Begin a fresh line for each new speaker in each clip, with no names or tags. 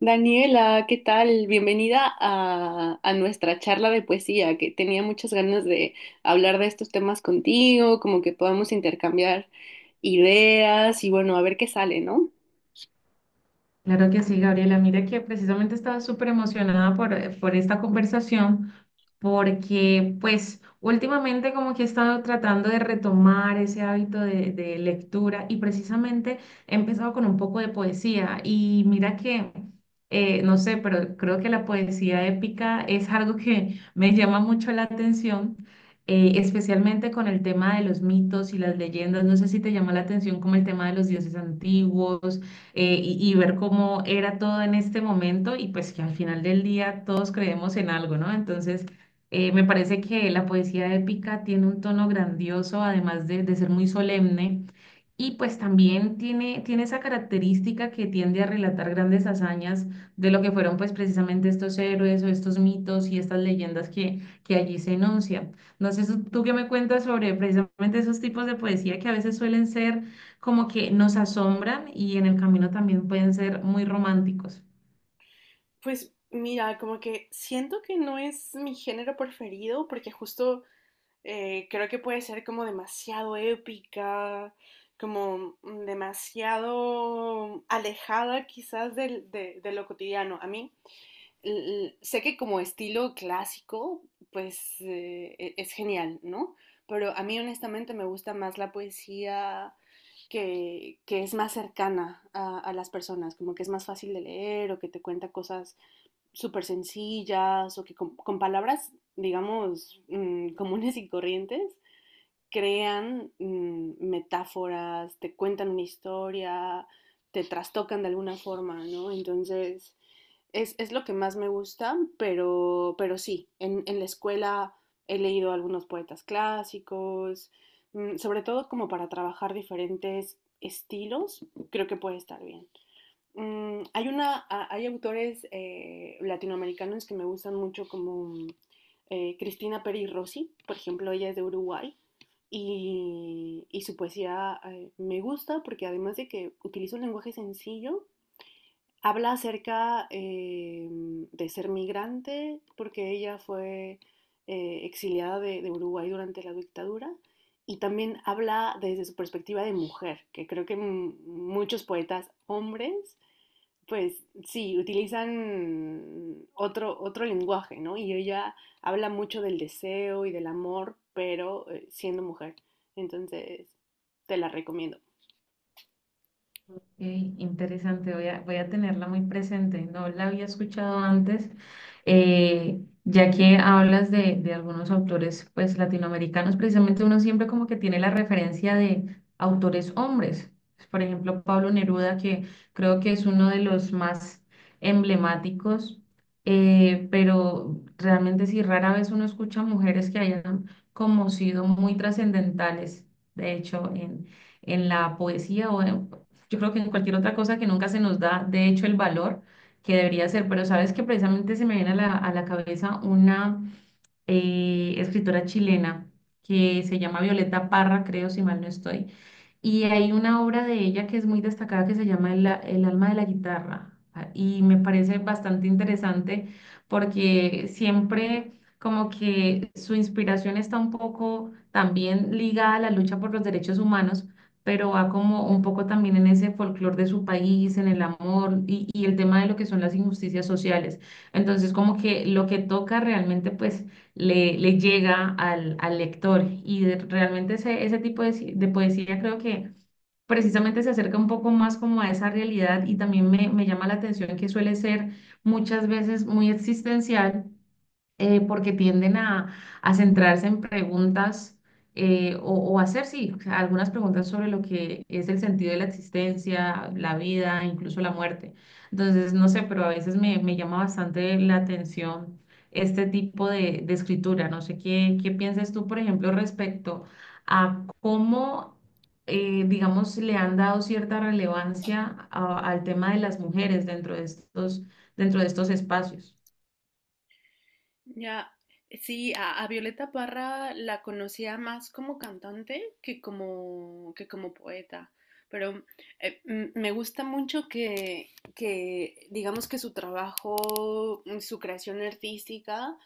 Daniela, ¿qué tal? Bienvenida a nuestra charla de poesía, que tenía muchas ganas de hablar de estos temas contigo, como que podamos intercambiar ideas y bueno, a ver qué sale, ¿no?
Claro que sí, Gabriela. Mira que precisamente estaba súper emocionada por esta conversación porque pues últimamente como que he estado tratando de retomar ese hábito de lectura y precisamente he empezado con un poco de poesía y mira no sé, pero creo que la poesía épica es algo que me llama mucho la atención, especialmente con el tema de los mitos y las leyendas. No sé si te llama la atención como el tema de los dioses antiguos y ver cómo era todo en este momento y pues que al final del día todos creemos en algo, ¿no? Entonces, me parece que la poesía épica tiene un tono grandioso, además de ser muy solemne. Y pues también tiene esa característica que tiende a relatar grandes hazañas de lo que fueron pues precisamente estos héroes o estos mitos y estas leyendas que allí se enuncian. No sé, tú qué me cuentas sobre precisamente esos tipos de poesía que a veces suelen ser como que nos asombran y en el camino también pueden ser muy románticos.
Pues mira, como que siento que no es mi género preferido porque justo creo que puede ser como demasiado épica, como demasiado alejada quizás de lo cotidiano. A mí sé que como estilo clásico, pues es genial, ¿no? Pero a mí honestamente me gusta más la poesía que es más cercana a las personas, como que es más fácil de leer o que te cuenta cosas súper sencillas o que con palabras, digamos, comunes y corrientes, crean metáforas, te cuentan una historia, te trastocan de alguna forma, ¿no? Entonces es lo que más me gusta, pero sí, en la escuela he leído algunos poetas clásicos, sobre todo como para trabajar diferentes estilos, creo que puede estar bien. Mm, hay, una, hay autores latinoamericanos que me gustan mucho como Cristina Peri Rossi, por ejemplo, ella es de Uruguay y su poesía me gusta porque además de que utiliza un lenguaje sencillo, habla acerca de ser migrante, porque ella fue exiliada de Uruguay durante la dictadura, y también habla desde su perspectiva de mujer, que creo que muchos poetas hombres, pues sí, utilizan otro lenguaje, ¿no? Y ella habla mucho del deseo y del amor, pero siendo mujer. Entonces, te la recomiendo.
Ey, interesante, voy a tenerla muy presente. No la había escuchado antes, ya que hablas de algunos autores pues latinoamericanos, precisamente uno siempre como que tiene la referencia de autores hombres. Por ejemplo, Pablo Neruda, que creo que es uno de los más emblemáticos, pero realmente sí, rara vez uno escucha mujeres que hayan como sido muy trascendentales, de hecho, en la poesía yo creo que en cualquier otra cosa que nunca se nos da, de hecho, el valor que debería ser. Pero sabes que precisamente se me viene a a la cabeza una escritora chilena que se llama Violeta Parra, creo, si mal no estoy. Y hay una obra de ella que es muy destacada que se llama El alma de la guitarra. Y me parece bastante interesante porque siempre como que su inspiración está un poco también ligada a la lucha por los derechos humanos, pero va como un poco también en ese folclore de su país, en el amor y el tema de lo que son las injusticias sociales. Entonces como que lo que toca realmente pues le llega al lector. Realmente ese tipo de poesía creo que precisamente se acerca un poco más como a esa realidad y también me llama la atención que suele ser muchas veces muy existencial porque tienden a centrarse en preguntas o hacer, sí, o sea, algunas preguntas sobre lo que es el sentido de la existencia, la vida, incluso la muerte. Entonces, no sé, pero a veces me llama bastante la atención este tipo de escritura. No sé qué piensas tú, por ejemplo, respecto a cómo... digamos, le han dado cierta relevancia al tema de las mujeres dentro de estos espacios.
Ya, sí, a Violeta Parra la conocía más como cantante que como poeta, pero me gusta mucho que digamos que su trabajo, su creación artística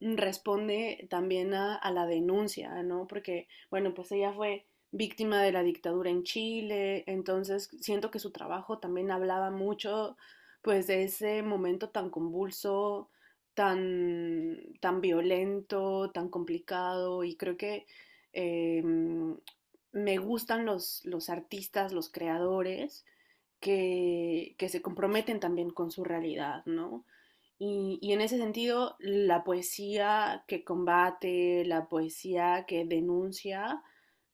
responde también a la denuncia, ¿no? Porque, bueno, pues ella fue víctima de la dictadura en Chile, entonces siento que su trabajo también hablaba mucho, pues, de ese momento tan convulso, tan violento, tan complicado, y creo que eh, me gustan los artistas, los creadores que se comprometen también con su realidad, ¿no? Y en ese sentido, la poesía que combate, la poesía que denuncia,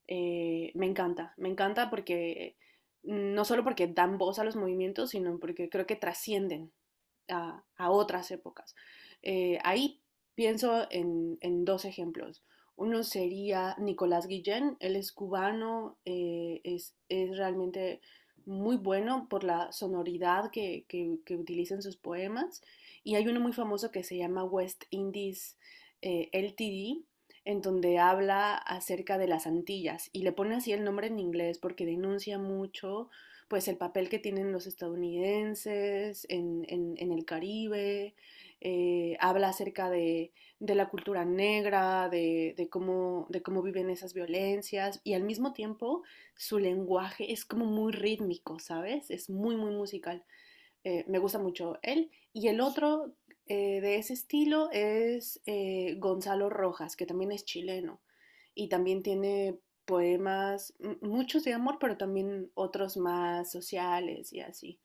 me encanta porque no solo porque dan voz a los movimientos, sino porque creo que trascienden a otras épocas. Ahí pienso dos ejemplos. Uno sería Nicolás Guillén, él es cubano, realmente muy bueno por la sonoridad que utiliza en sus poemas. Y hay uno muy famoso que se llama West Indies LTD, en donde habla acerca de las Antillas y le pone así el nombre en inglés porque denuncia mucho pues el papel que tienen los estadounidenses en el Caribe, habla acerca la cultura negra, de cómo viven esas violencias y al mismo tiempo su lenguaje es como muy rítmico, ¿sabes? Es muy, muy musical. Me gusta mucho él. Y el otro de ese estilo es Gonzalo Rojas, que también es chileno y también tiene poemas, muchos de amor, pero también otros más sociales y así.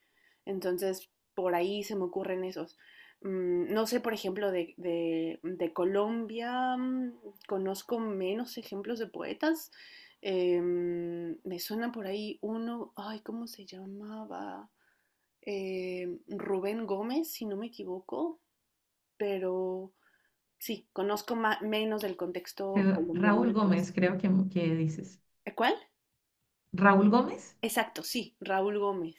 Entonces, por ahí se me ocurren esos. No sé, por ejemplo, de Colombia, conozco menos ejemplos de poetas. Me suena por ahí uno, ay, ¿cómo se llamaba? Rubén Gómez, si no me equivoco, pero sí, conozco menos del contexto colombiano
Raúl
de
Gómez,
poesía.
creo que dices.
¿Eh, cuál?
¿Raúl Gómez?
Exacto, sí, Raúl Gómez.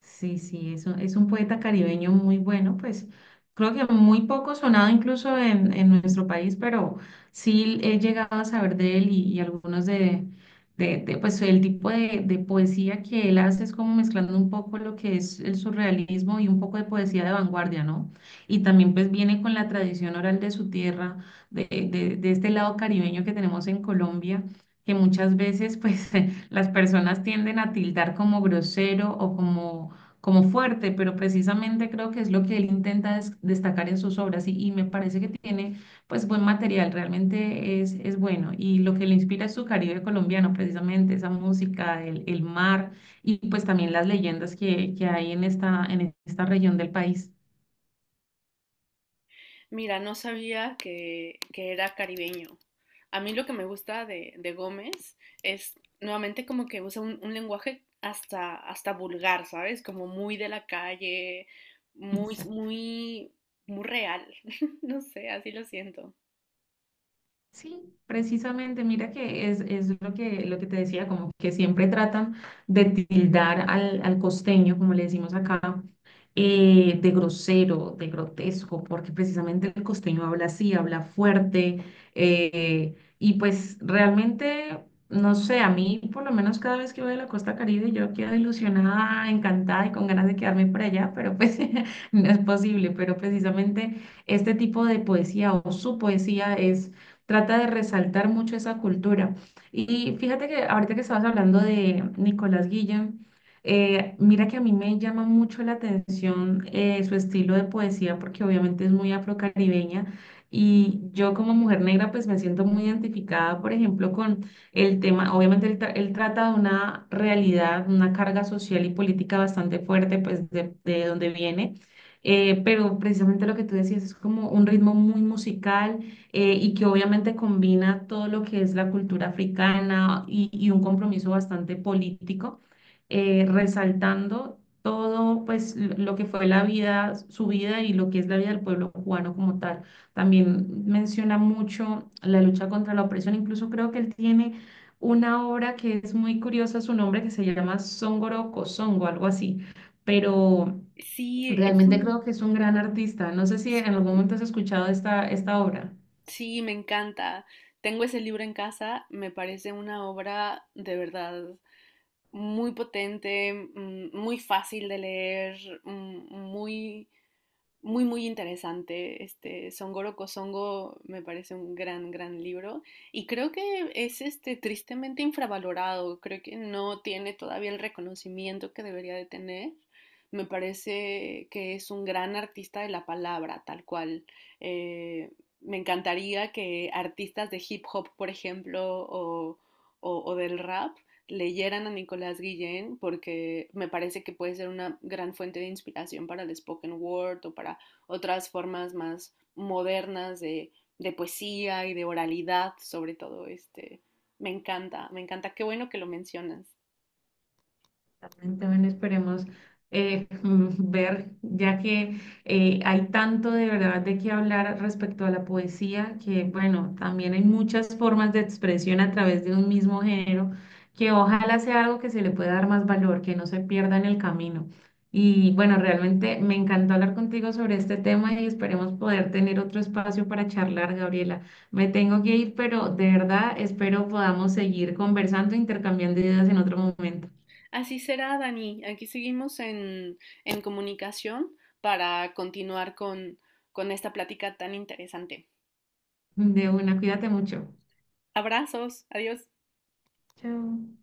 Sí, sí, es es un poeta caribeño muy bueno, pues creo que muy poco sonado incluso en nuestro país, pero sí he llegado a saber de él y algunos de, pues el tipo de poesía que él hace es como mezclando un poco lo que es el surrealismo y un poco de poesía de vanguardia, ¿no? Y también pues viene con la tradición oral de su tierra, de, de este lado caribeño que tenemos en Colombia, que muchas veces pues las personas tienden a tildar como grosero o como como fuerte, pero precisamente creo que es lo que él intenta destacar en sus obras y me parece que tiene pues buen material, realmente es bueno y lo que le inspira es su Caribe colombiano, precisamente esa música, el mar y pues también las leyendas que hay en esta región del país.
Mira, no sabía que era caribeño. A mí lo que me gusta de Gómez es nuevamente como que usa lenguaje hasta vulgar, ¿sabes? Como muy de la calle, muy,
Exacto.
muy, muy real. No sé, así lo siento.
Sí, precisamente, mira que es lo lo que te decía, como que siempre tratan de tildar al costeño, como le decimos acá, de grosero, de grotesco, porque precisamente el costeño habla así, habla fuerte, y pues realmente, no sé, a mí por lo menos cada vez que voy a la Costa Caribe yo quedo ilusionada, encantada y con ganas de quedarme por allá, pero pues no es posible, pero precisamente este tipo de poesía o su poesía es trata de resaltar mucho esa cultura. Y fíjate que ahorita que estabas hablando de Nicolás Guillén, mira que a mí me llama mucho la atención su estilo de poesía, porque obviamente es muy afrocaribeña. Y yo como mujer negra, pues me siento muy identificada, por ejemplo, con el tema, obviamente él trata de una realidad, una carga social y política bastante fuerte, pues de donde viene. Pero precisamente lo que tú decías es como un ritmo muy musical y que obviamente combina todo lo que es la cultura africana y un compromiso bastante político, resaltando todo pues lo que fue la vida, su vida y lo que es la vida del pueblo cubano como tal. También menciona mucho la lucha contra la opresión, incluso creo que él tiene una obra que es muy curiosa, su nombre que se llama Songoro Songo, algo así, pero
Sí,
realmente creo que es un gran artista. No sé si
es
en algún
un
momento has escuchado esta obra.
Sí, me encanta. Tengo ese libro en casa, me parece una obra de verdad muy potente, muy fácil de leer, muy, muy interesante. Este Songoro Kosongo me parece un gran, gran libro y creo que es este, tristemente infravalorado. Creo que no tiene todavía el reconocimiento que debería de tener. Me parece que es un gran artista de la palabra, tal cual. Eh, me encantaría que artistas de hip hop, por ejemplo, o del rap, leyeran a Nicolás Guillén porque me parece que puede ser una gran fuente de inspiración para el spoken word o para otras formas más modernas de poesía y de oralidad, sobre todo. Este, me encanta, me encanta. Qué bueno que lo mencionas.
Exactamente, bueno, esperemos ver, ya que hay tanto de verdad de qué hablar respecto a la poesía, que bueno, también hay muchas formas de expresión a través de un mismo género, que ojalá sea algo que se le pueda dar más valor, que no se pierda en el camino. Y bueno, realmente me encantó hablar contigo sobre este tema y esperemos poder tener otro espacio para charlar, Gabriela. Me tengo que ir, pero de verdad espero podamos seguir conversando, intercambiando ideas en otro momento.
Así será, Dani. Aquí seguimos en comunicación para continuar con esta plática tan interesante.
De una, cuídate mucho.
Abrazos, adiós.
Chao.